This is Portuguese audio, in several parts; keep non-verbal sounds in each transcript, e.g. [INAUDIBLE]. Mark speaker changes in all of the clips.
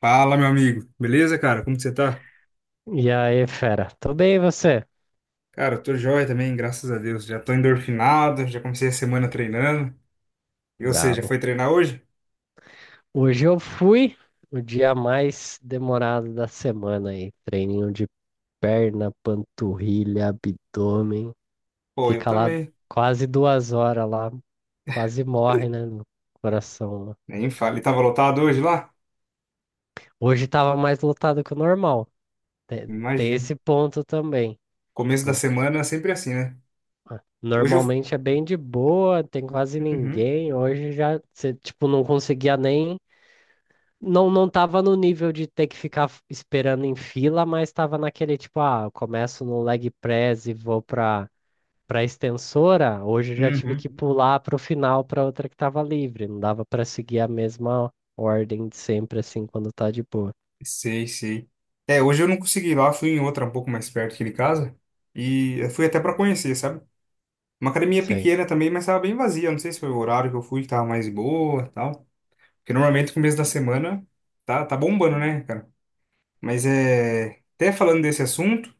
Speaker 1: Fala, meu amigo. Beleza, cara? Como que você tá?
Speaker 2: E aí, fera, tudo bem e você?
Speaker 1: Cara, eu tô joia também, graças a Deus. Já tô endorfinado, já comecei a semana treinando. E você, já
Speaker 2: Brabo.
Speaker 1: foi treinar hoje?
Speaker 2: Hoje eu fui o dia mais demorado da semana aí. Treininho de perna, panturrilha, abdômen.
Speaker 1: Pô, eu
Speaker 2: Fica lá
Speaker 1: também.
Speaker 2: quase 2 horas lá, quase morre, né, no coração lá.
Speaker 1: Nem fale. Tava lotado hoje lá?
Speaker 2: Hoje tava mais lotado que o normal. Tem, tem
Speaker 1: Imagino.
Speaker 2: esse ponto também.
Speaker 1: Começo da
Speaker 2: Tipo,
Speaker 1: semana é sempre assim, né? Hoje eu...
Speaker 2: normalmente é bem de boa, tem quase
Speaker 1: Uhum,
Speaker 2: ninguém. Hoje já, você, tipo, não conseguia nem. Não, não tava no nível de ter que ficar esperando em fila, mas tava naquele tipo, ah, eu começo no leg press e vou pra extensora. Hoje eu já tive
Speaker 1: uhum.
Speaker 2: que pular pro final pra outra que tava livre. Não dava pra seguir a mesma ordem de sempre, assim, quando tá de boa.
Speaker 1: Sei, sei. É, hoje eu não consegui ir lá, fui em outra um pouco mais perto aqui de casa. E eu fui até pra conhecer, sabe? Uma academia
Speaker 2: Sei.
Speaker 1: pequena também, mas tava bem vazia. Não sei se foi o horário que eu fui que tava mais boa, e tal. Porque normalmente no começo da semana tá bombando, né, cara? Mas é. Até falando desse assunto,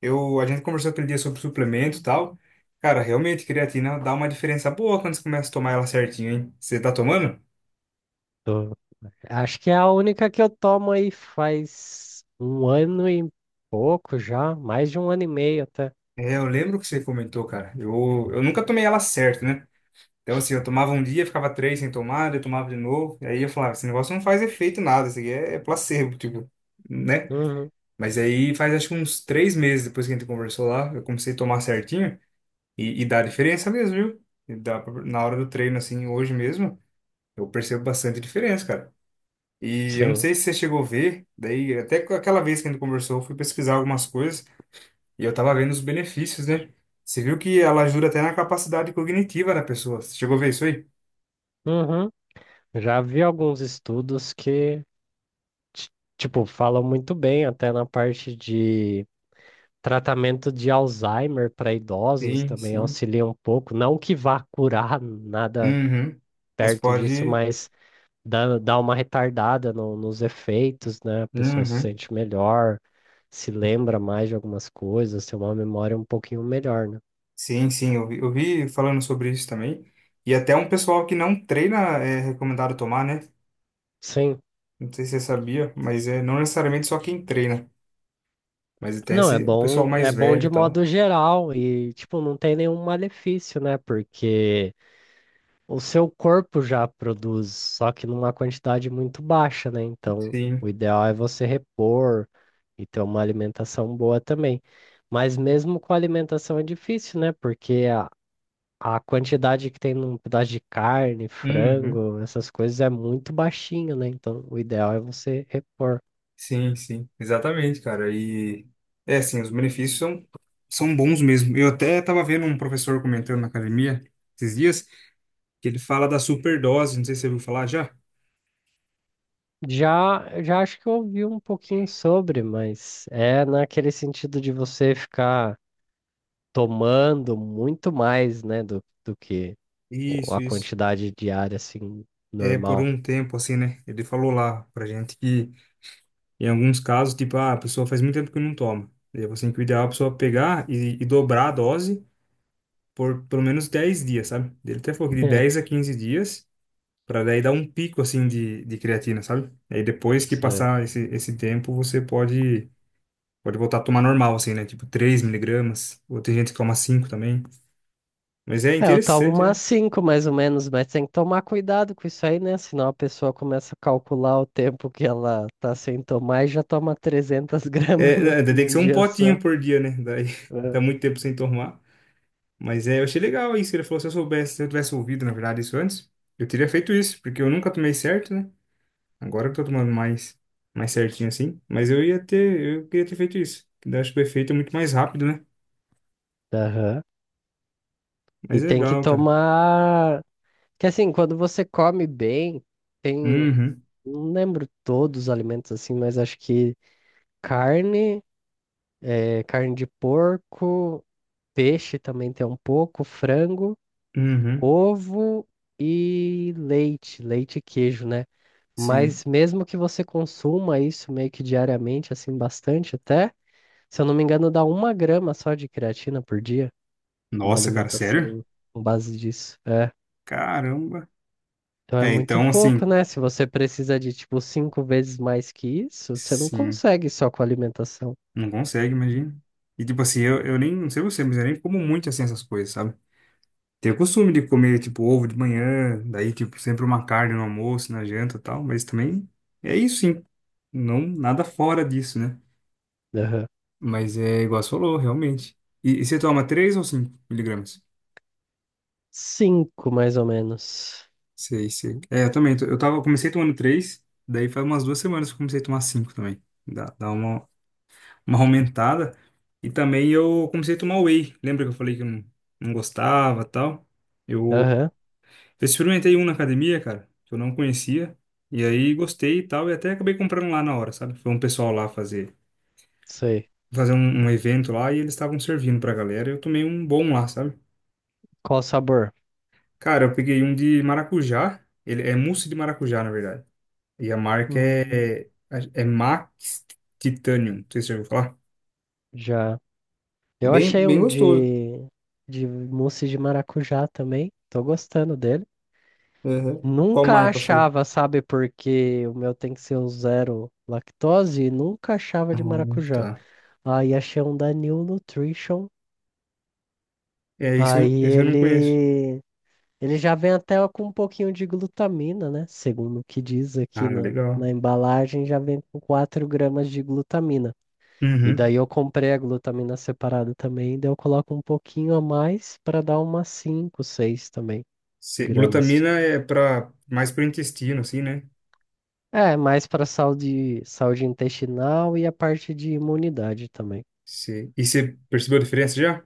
Speaker 1: a gente conversou aquele dia sobre suplemento e tal. Cara, realmente, creatina dá uma diferença boa quando você começa a tomar ela certinho, hein? Você tá tomando?
Speaker 2: Tô- Acho que é a única que eu tomo aí faz um ano e pouco já, mais de um ano e meio até.
Speaker 1: É, eu lembro que você comentou, cara. Eu nunca tomei ela certo, né? Então, assim, eu tomava um dia, ficava três sem tomar, daí eu tomava de novo. E aí eu falava, esse negócio não faz efeito nada, isso aqui é placebo, tipo, né?
Speaker 2: Uhum.
Speaker 1: Mas aí faz acho que uns 3 meses depois que a gente conversou lá, eu comecei a tomar certinho. E dá diferença mesmo, viu? E dá pra- na hora do treino, assim, hoje mesmo, eu percebo bastante diferença, cara. E eu não
Speaker 2: Sim.
Speaker 1: sei se você chegou a ver, daí até com aquela vez que a gente conversou, eu fui pesquisar algumas coisas e eu tava vendo os benefícios, né? Você viu que ela ajuda até na capacidade cognitiva da pessoa. Você chegou a ver isso aí?
Speaker 2: Uhum. Já vi alguns estudos que ti- tipo, falam muito bem até na parte de tratamento de Alzheimer para idosos
Speaker 1: Sim,
Speaker 2: também
Speaker 1: sim.
Speaker 2: auxilia um pouco. Não que vá curar nada
Speaker 1: Uhum. Mas
Speaker 2: perto disso,
Speaker 1: pode.
Speaker 2: mas dá uma retardada nos efeitos, né? A pessoa se
Speaker 1: Uhum.
Speaker 2: sente melhor, se lembra mais de algumas coisas, tem uma memória um pouquinho melhor, né?
Speaker 1: Sim, sim, eu vi falando sobre isso também. E até um pessoal que não treina é recomendado tomar, né?
Speaker 2: Sim.
Speaker 1: Não sei se você sabia, mas é não necessariamente só quem treina, mas até
Speaker 2: Não,
Speaker 1: esse o pessoal
Speaker 2: é
Speaker 1: mais
Speaker 2: bom
Speaker 1: velho
Speaker 2: de
Speaker 1: e
Speaker 2: modo
Speaker 1: tal.
Speaker 2: geral e, tipo, não tem nenhum malefício, né? Porque o seu corpo já produz, só que numa quantidade muito baixa, né? Então, o
Speaker 1: Sim.
Speaker 2: ideal é você repor e ter uma alimentação boa também. Mas mesmo com a alimentação é difícil, né? Porque a quantidade que tem num pedaço de carne,
Speaker 1: Uhum.
Speaker 2: frango, essas coisas é muito baixinho, né? Então, o ideal é você repor.
Speaker 1: Sim, sim. Exatamente, cara. É assim, os benefícios são, são bons mesmo. Eu até tava vendo um professor comentando na academia esses dias que ele fala da superdose, não sei se você ouviu falar já.
Speaker 2: Já, já acho que eu ouvi um pouquinho sobre, mas é naquele sentido de você ficar tomando muito mais, né, do que
Speaker 1: Isso,
Speaker 2: a
Speaker 1: isso.
Speaker 2: quantidade diária, assim,
Speaker 1: É por
Speaker 2: normal.
Speaker 1: um tempo assim, né? Ele falou lá pra gente que em alguns casos, tipo, ah, a pessoa faz muito tempo que não toma. E aí você tem que o ideal é a pessoa pegar e dobrar a dose por pelo menos 10 dias, sabe? Ele até falou que de 10 a
Speaker 2: [LAUGHS]
Speaker 1: 15 dias, para daí dar um pico assim de creatina, sabe? Aí depois que
Speaker 2: Você-
Speaker 1: passar esse tempo, você pode pode voltar a tomar normal assim, né? Tipo 3 mg, ou tem gente que toma 5 também. Mas é
Speaker 2: É, eu tomo
Speaker 1: interessante,
Speaker 2: umas
Speaker 1: né?
Speaker 2: cinco mais ou menos, mas tem que tomar cuidado com isso aí, né? Senão a pessoa começa a calcular o tempo que ela tá sem tomar e já toma 300 [LAUGHS] gramas no,
Speaker 1: É, né, tem que
Speaker 2: num
Speaker 1: ser um
Speaker 2: dia
Speaker 1: potinho
Speaker 2: só.
Speaker 1: por dia, né? Daí [LAUGHS] tá
Speaker 2: É.
Speaker 1: muito tempo sem tomar. Mas é, eu achei legal isso. Ele falou, se eu soubesse, se eu tivesse ouvido, na verdade, isso antes, eu teria feito isso, porque eu nunca tomei certo, né? Agora que eu tô tomando mais, mais certinho assim. Mas eu ia ter, eu queria ter feito isso. Que daí acho que o efeito é muito mais rápido, né?
Speaker 2: Aham. E
Speaker 1: Mas é
Speaker 2: tem que
Speaker 1: legal, cara.
Speaker 2: tomar. Que assim, quando você come bem, tem.
Speaker 1: Uhum,
Speaker 2: Não lembro todos os alimentos assim, mas acho que carne, carne de porco, peixe também tem um pouco, frango.
Speaker 1: uhum,
Speaker 2: Ovo e leite e queijo, né?
Speaker 1: sim.
Speaker 2: Mas mesmo que você consuma isso meio que diariamente, assim, bastante até, se eu não me engano, dá uma grama só de creatina por dia, uma
Speaker 1: Nossa, cara, sério?
Speaker 2: alimentação com base disso. É.
Speaker 1: Caramba.
Speaker 2: Então é
Speaker 1: É,
Speaker 2: muito
Speaker 1: então
Speaker 2: pouco,
Speaker 1: assim,
Speaker 2: né? Se você precisa de, tipo, cinco vezes mais que isso, você não
Speaker 1: sim,
Speaker 2: consegue só com alimentação.
Speaker 1: não consegue, imagina. E tipo assim, eu nem, não sei você, mas eu nem como muito assim essas coisas, sabe? Tenho o costume de comer, tipo, ovo de manhã, daí, tipo, sempre uma carne no almoço, na janta e tal, mas também é isso, sim. Não, nada fora disso, né?
Speaker 2: Aham.
Speaker 1: Mas é igual você falou, realmente. E você toma 3 ou 5 mg?
Speaker 2: Cinco, mais ou menos.
Speaker 1: Sei, sei. É, eu também. Eu tava, eu comecei tomando 3 daí faz umas 2 semanas que eu comecei a tomar 5 também. Dá uma aumentada. E também eu comecei a tomar whey. Lembra que eu falei que eu não, não gostava e tal? Eu,
Speaker 2: Aham,
Speaker 1: eu experimentei um na academia, cara, que eu não conhecia. E aí gostei e tal, e até acabei comprando lá na hora, sabe? Foi um pessoal lá
Speaker 2: sei.
Speaker 1: fazer um, um evento lá e eles estavam servindo pra galera. Eu tomei um bom lá, sabe?
Speaker 2: Qual sabor?
Speaker 1: Cara, eu peguei um de maracujá. Ele é mousse de maracujá, na verdade. E a marca
Speaker 2: Hum,
Speaker 1: é Max Titanium. Não sei se você já ouviu falar.
Speaker 2: já. Eu
Speaker 1: Bem,
Speaker 2: achei
Speaker 1: bem
Speaker 2: um
Speaker 1: gostoso.
Speaker 2: de mousse de maracujá também. Tô gostando dele.
Speaker 1: Uhum. Qual
Speaker 2: Nunca
Speaker 1: marca foi?
Speaker 2: achava, sabe, porque o meu tem que ser o zero lactose e nunca achava
Speaker 1: Ah,
Speaker 2: de maracujá.
Speaker 1: tá.
Speaker 2: Aí achei um da New Nutrition.
Speaker 1: É, isso,
Speaker 2: Aí
Speaker 1: isso eu não conheço.
Speaker 2: ele já vem até com um pouquinho de glutamina, né? Segundo o que diz aqui
Speaker 1: Ah,
Speaker 2: na,
Speaker 1: legal.
Speaker 2: na embalagem, já vem com 4 gramas de glutamina. E
Speaker 1: Uhum.
Speaker 2: daí eu comprei a glutamina separada também, daí eu coloco um pouquinho a mais para dar umas 5, 6 também gramas.
Speaker 1: Glutamina é para mais para o intestino, assim, né?
Speaker 2: É, mais para saúde intestinal e a parte de imunidade também.
Speaker 1: E você percebeu a diferença já?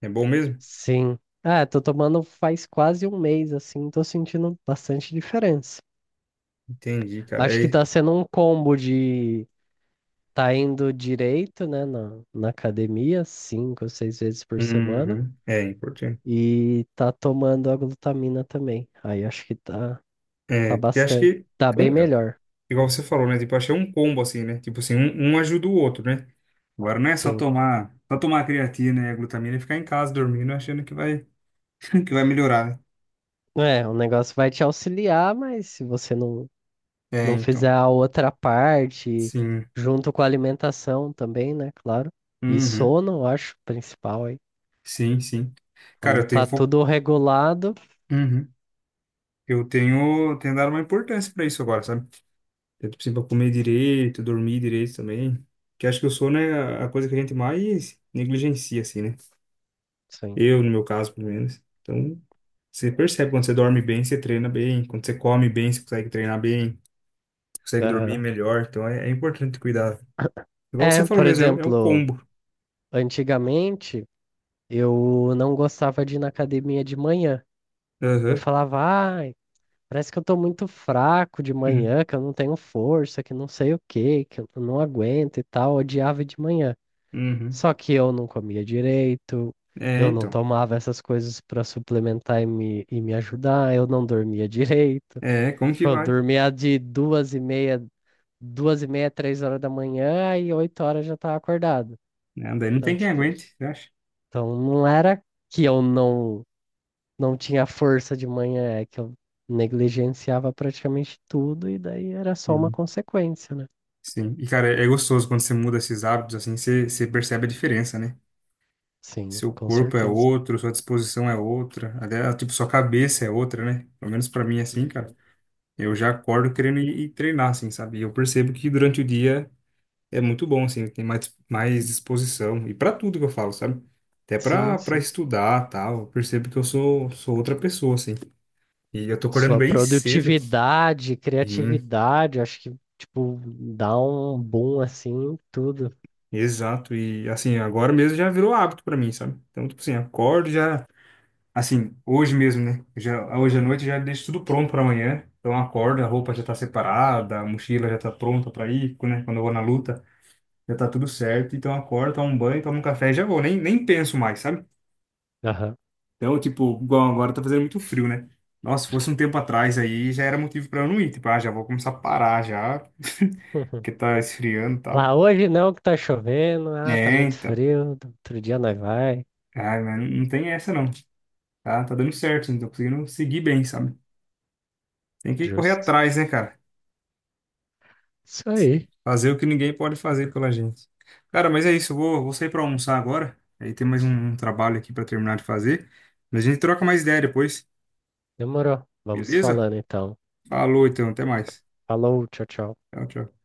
Speaker 1: É bom mesmo?
Speaker 2: Sim. É, tô tomando faz quase um mês assim, tô sentindo bastante diferença.
Speaker 1: Entendi, cara.
Speaker 2: Acho que
Speaker 1: É,
Speaker 2: tá sendo um combo de tá indo direito, né, na academia, cinco ou seis vezes por semana,
Speaker 1: uhum. É importante.
Speaker 2: e tá tomando a glutamina também. Aí acho que tá. Tá
Speaker 1: É, porque acho
Speaker 2: bastante.
Speaker 1: que
Speaker 2: Tá bem melhor,
Speaker 1: igual você falou, né? Tipo, achei um combo assim, né? Tipo assim, um ajuda o outro, né? Agora não é
Speaker 2: sim.
Speaker 1: só tomar creatina e a glutamina e ficar em casa dormindo achando que vai, [LAUGHS] que vai melhorar, né?
Speaker 2: É, o negócio vai te auxiliar, mas se você não,
Speaker 1: É,
Speaker 2: não fizer
Speaker 1: então.
Speaker 2: a outra parte,
Speaker 1: Sim.
Speaker 2: junto com a alimentação também, né? Claro. E
Speaker 1: Uhum.
Speaker 2: sono, eu acho, principal aí.
Speaker 1: Sim, sim. Cara,
Speaker 2: Quando
Speaker 1: eu tenho
Speaker 2: tá
Speaker 1: fo...
Speaker 2: tudo regulado,
Speaker 1: Uhum. Tenho dado uma importância pra isso agora, sabe? Eu, tipo assim, pra comer direito, dormir direito também. Que acho que o sono é a coisa que a gente mais negligencia, assim, né?
Speaker 2: sim.
Speaker 1: Eu, no meu caso, pelo menos. Então, você percebe quando você dorme bem, você treina bem. Quando você come bem, você consegue treinar bem. Você consegue dormir
Speaker 2: Aham.
Speaker 1: melhor. Então é importante cuidar. Igual você
Speaker 2: É,
Speaker 1: falou
Speaker 2: por
Speaker 1: mesmo, é, é o
Speaker 2: exemplo,
Speaker 1: combo.
Speaker 2: antigamente eu não gostava de ir na academia de manhã. Eu
Speaker 1: Aham.
Speaker 2: falava, ah, parece que eu tô muito fraco de manhã,
Speaker 1: [LAUGHS]
Speaker 2: que eu não tenho força, que não sei o quê, que eu não aguento e tal. Eu odiava de manhã.
Speaker 1: Uhum.
Speaker 2: Só que eu não comia direito,
Speaker 1: É,
Speaker 2: eu não
Speaker 1: então.
Speaker 2: tomava essas coisas pra suplementar e me ajudar, eu não dormia direito.
Speaker 1: É,
Speaker 2: [LAUGHS]
Speaker 1: como que
Speaker 2: Tipo, eu
Speaker 1: vai?
Speaker 2: dormia de 2h30, 2h30, 3 horas da manhã e 8 horas já tava acordado.
Speaker 1: Né, daí não
Speaker 2: Então,
Speaker 1: tem quem
Speaker 2: tipo,
Speaker 1: aguente, eu acho.
Speaker 2: então não era que eu não tinha força de manhã, é que eu negligenciava praticamente tudo e daí era só uma
Speaker 1: Sim.
Speaker 2: consequência, né?
Speaker 1: Sim. E, cara, é gostoso quando você muda esses hábitos, assim, você percebe a diferença, né?
Speaker 2: Sim,
Speaker 1: Seu
Speaker 2: com
Speaker 1: corpo é
Speaker 2: certeza.
Speaker 1: outro, sua disposição é outra, até, tipo, sua cabeça é outra, né? Pelo menos pra mim, é assim, cara.
Speaker 2: Uhum.
Speaker 1: Eu já acordo querendo ir treinar, assim, sabe? E eu percebo que durante o dia é muito bom, assim, tem mais, mais disposição. E para tudo que eu falo, sabe? Até
Speaker 2: Sim,
Speaker 1: para
Speaker 2: sim.
Speaker 1: estudar, tal. Eu percebo que sou outra pessoa, assim. E eu tô acordando
Speaker 2: Sua
Speaker 1: bem cedo.
Speaker 2: produtividade,
Speaker 1: Sim,
Speaker 2: criatividade, acho que, tipo, dá um boom assim, em tudo.
Speaker 1: exato. E, assim, agora mesmo já virou hábito para mim, sabe? Então, tipo assim, acordo já... Assim, hoje mesmo, né? Eu já, hoje à noite eu já deixo tudo pronto para amanhã. Então, eu acordo, a roupa já tá separada, a mochila já tá pronta para ir, né? Quando eu vou na luta, já tá tudo certo. Então, eu acordo, tomo um banho, tomo um café e já vou. Nem penso mais, sabe?
Speaker 2: Aham.
Speaker 1: Então, tipo, igual agora tá fazendo muito frio, né? Nossa, se fosse um tempo atrás aí, já era motivo pra eu não ir. Tipo, ah, já vou começar a parar já, [LAUGHS]
Speaker 2: Uhum.
Speaker 1: porque tá esfriando e
Speaker 2: Lá
Speaker 1: tal.
Speaker 2: hoje não, que tá chovendo, ah, tá
Speaker 1: É,
Speaker 2: muito
Speaker 1: então.
Speaker 2: frio, outro dia nós vai.
Speaker 1: Ah, mas não tem essa não. Tá dando certo, não tô conseguindo seguir bem, sabe? Tem que correr
Speaker 2: Justo.
Speaker 1: atrás, né, cara?
Speaker 2: Isso aí.
Speaker 1: Fazer o que ninguém pode fazer pela gente. Cara, mas é isso, vou sair pra almoçar agora. Aí tem mais um trabalho aqui pra terminar de fazer. Mas a gente troca mais ideia depois,
Speaker 2: Demorou. Vamos
Speaker 1: beleza?
Speaker 2: falando então.
Speaker 1: Falou então, até mais.
Speaker 2: Falou, tchau, tchau.
Speaker 1: Tchau, tchau.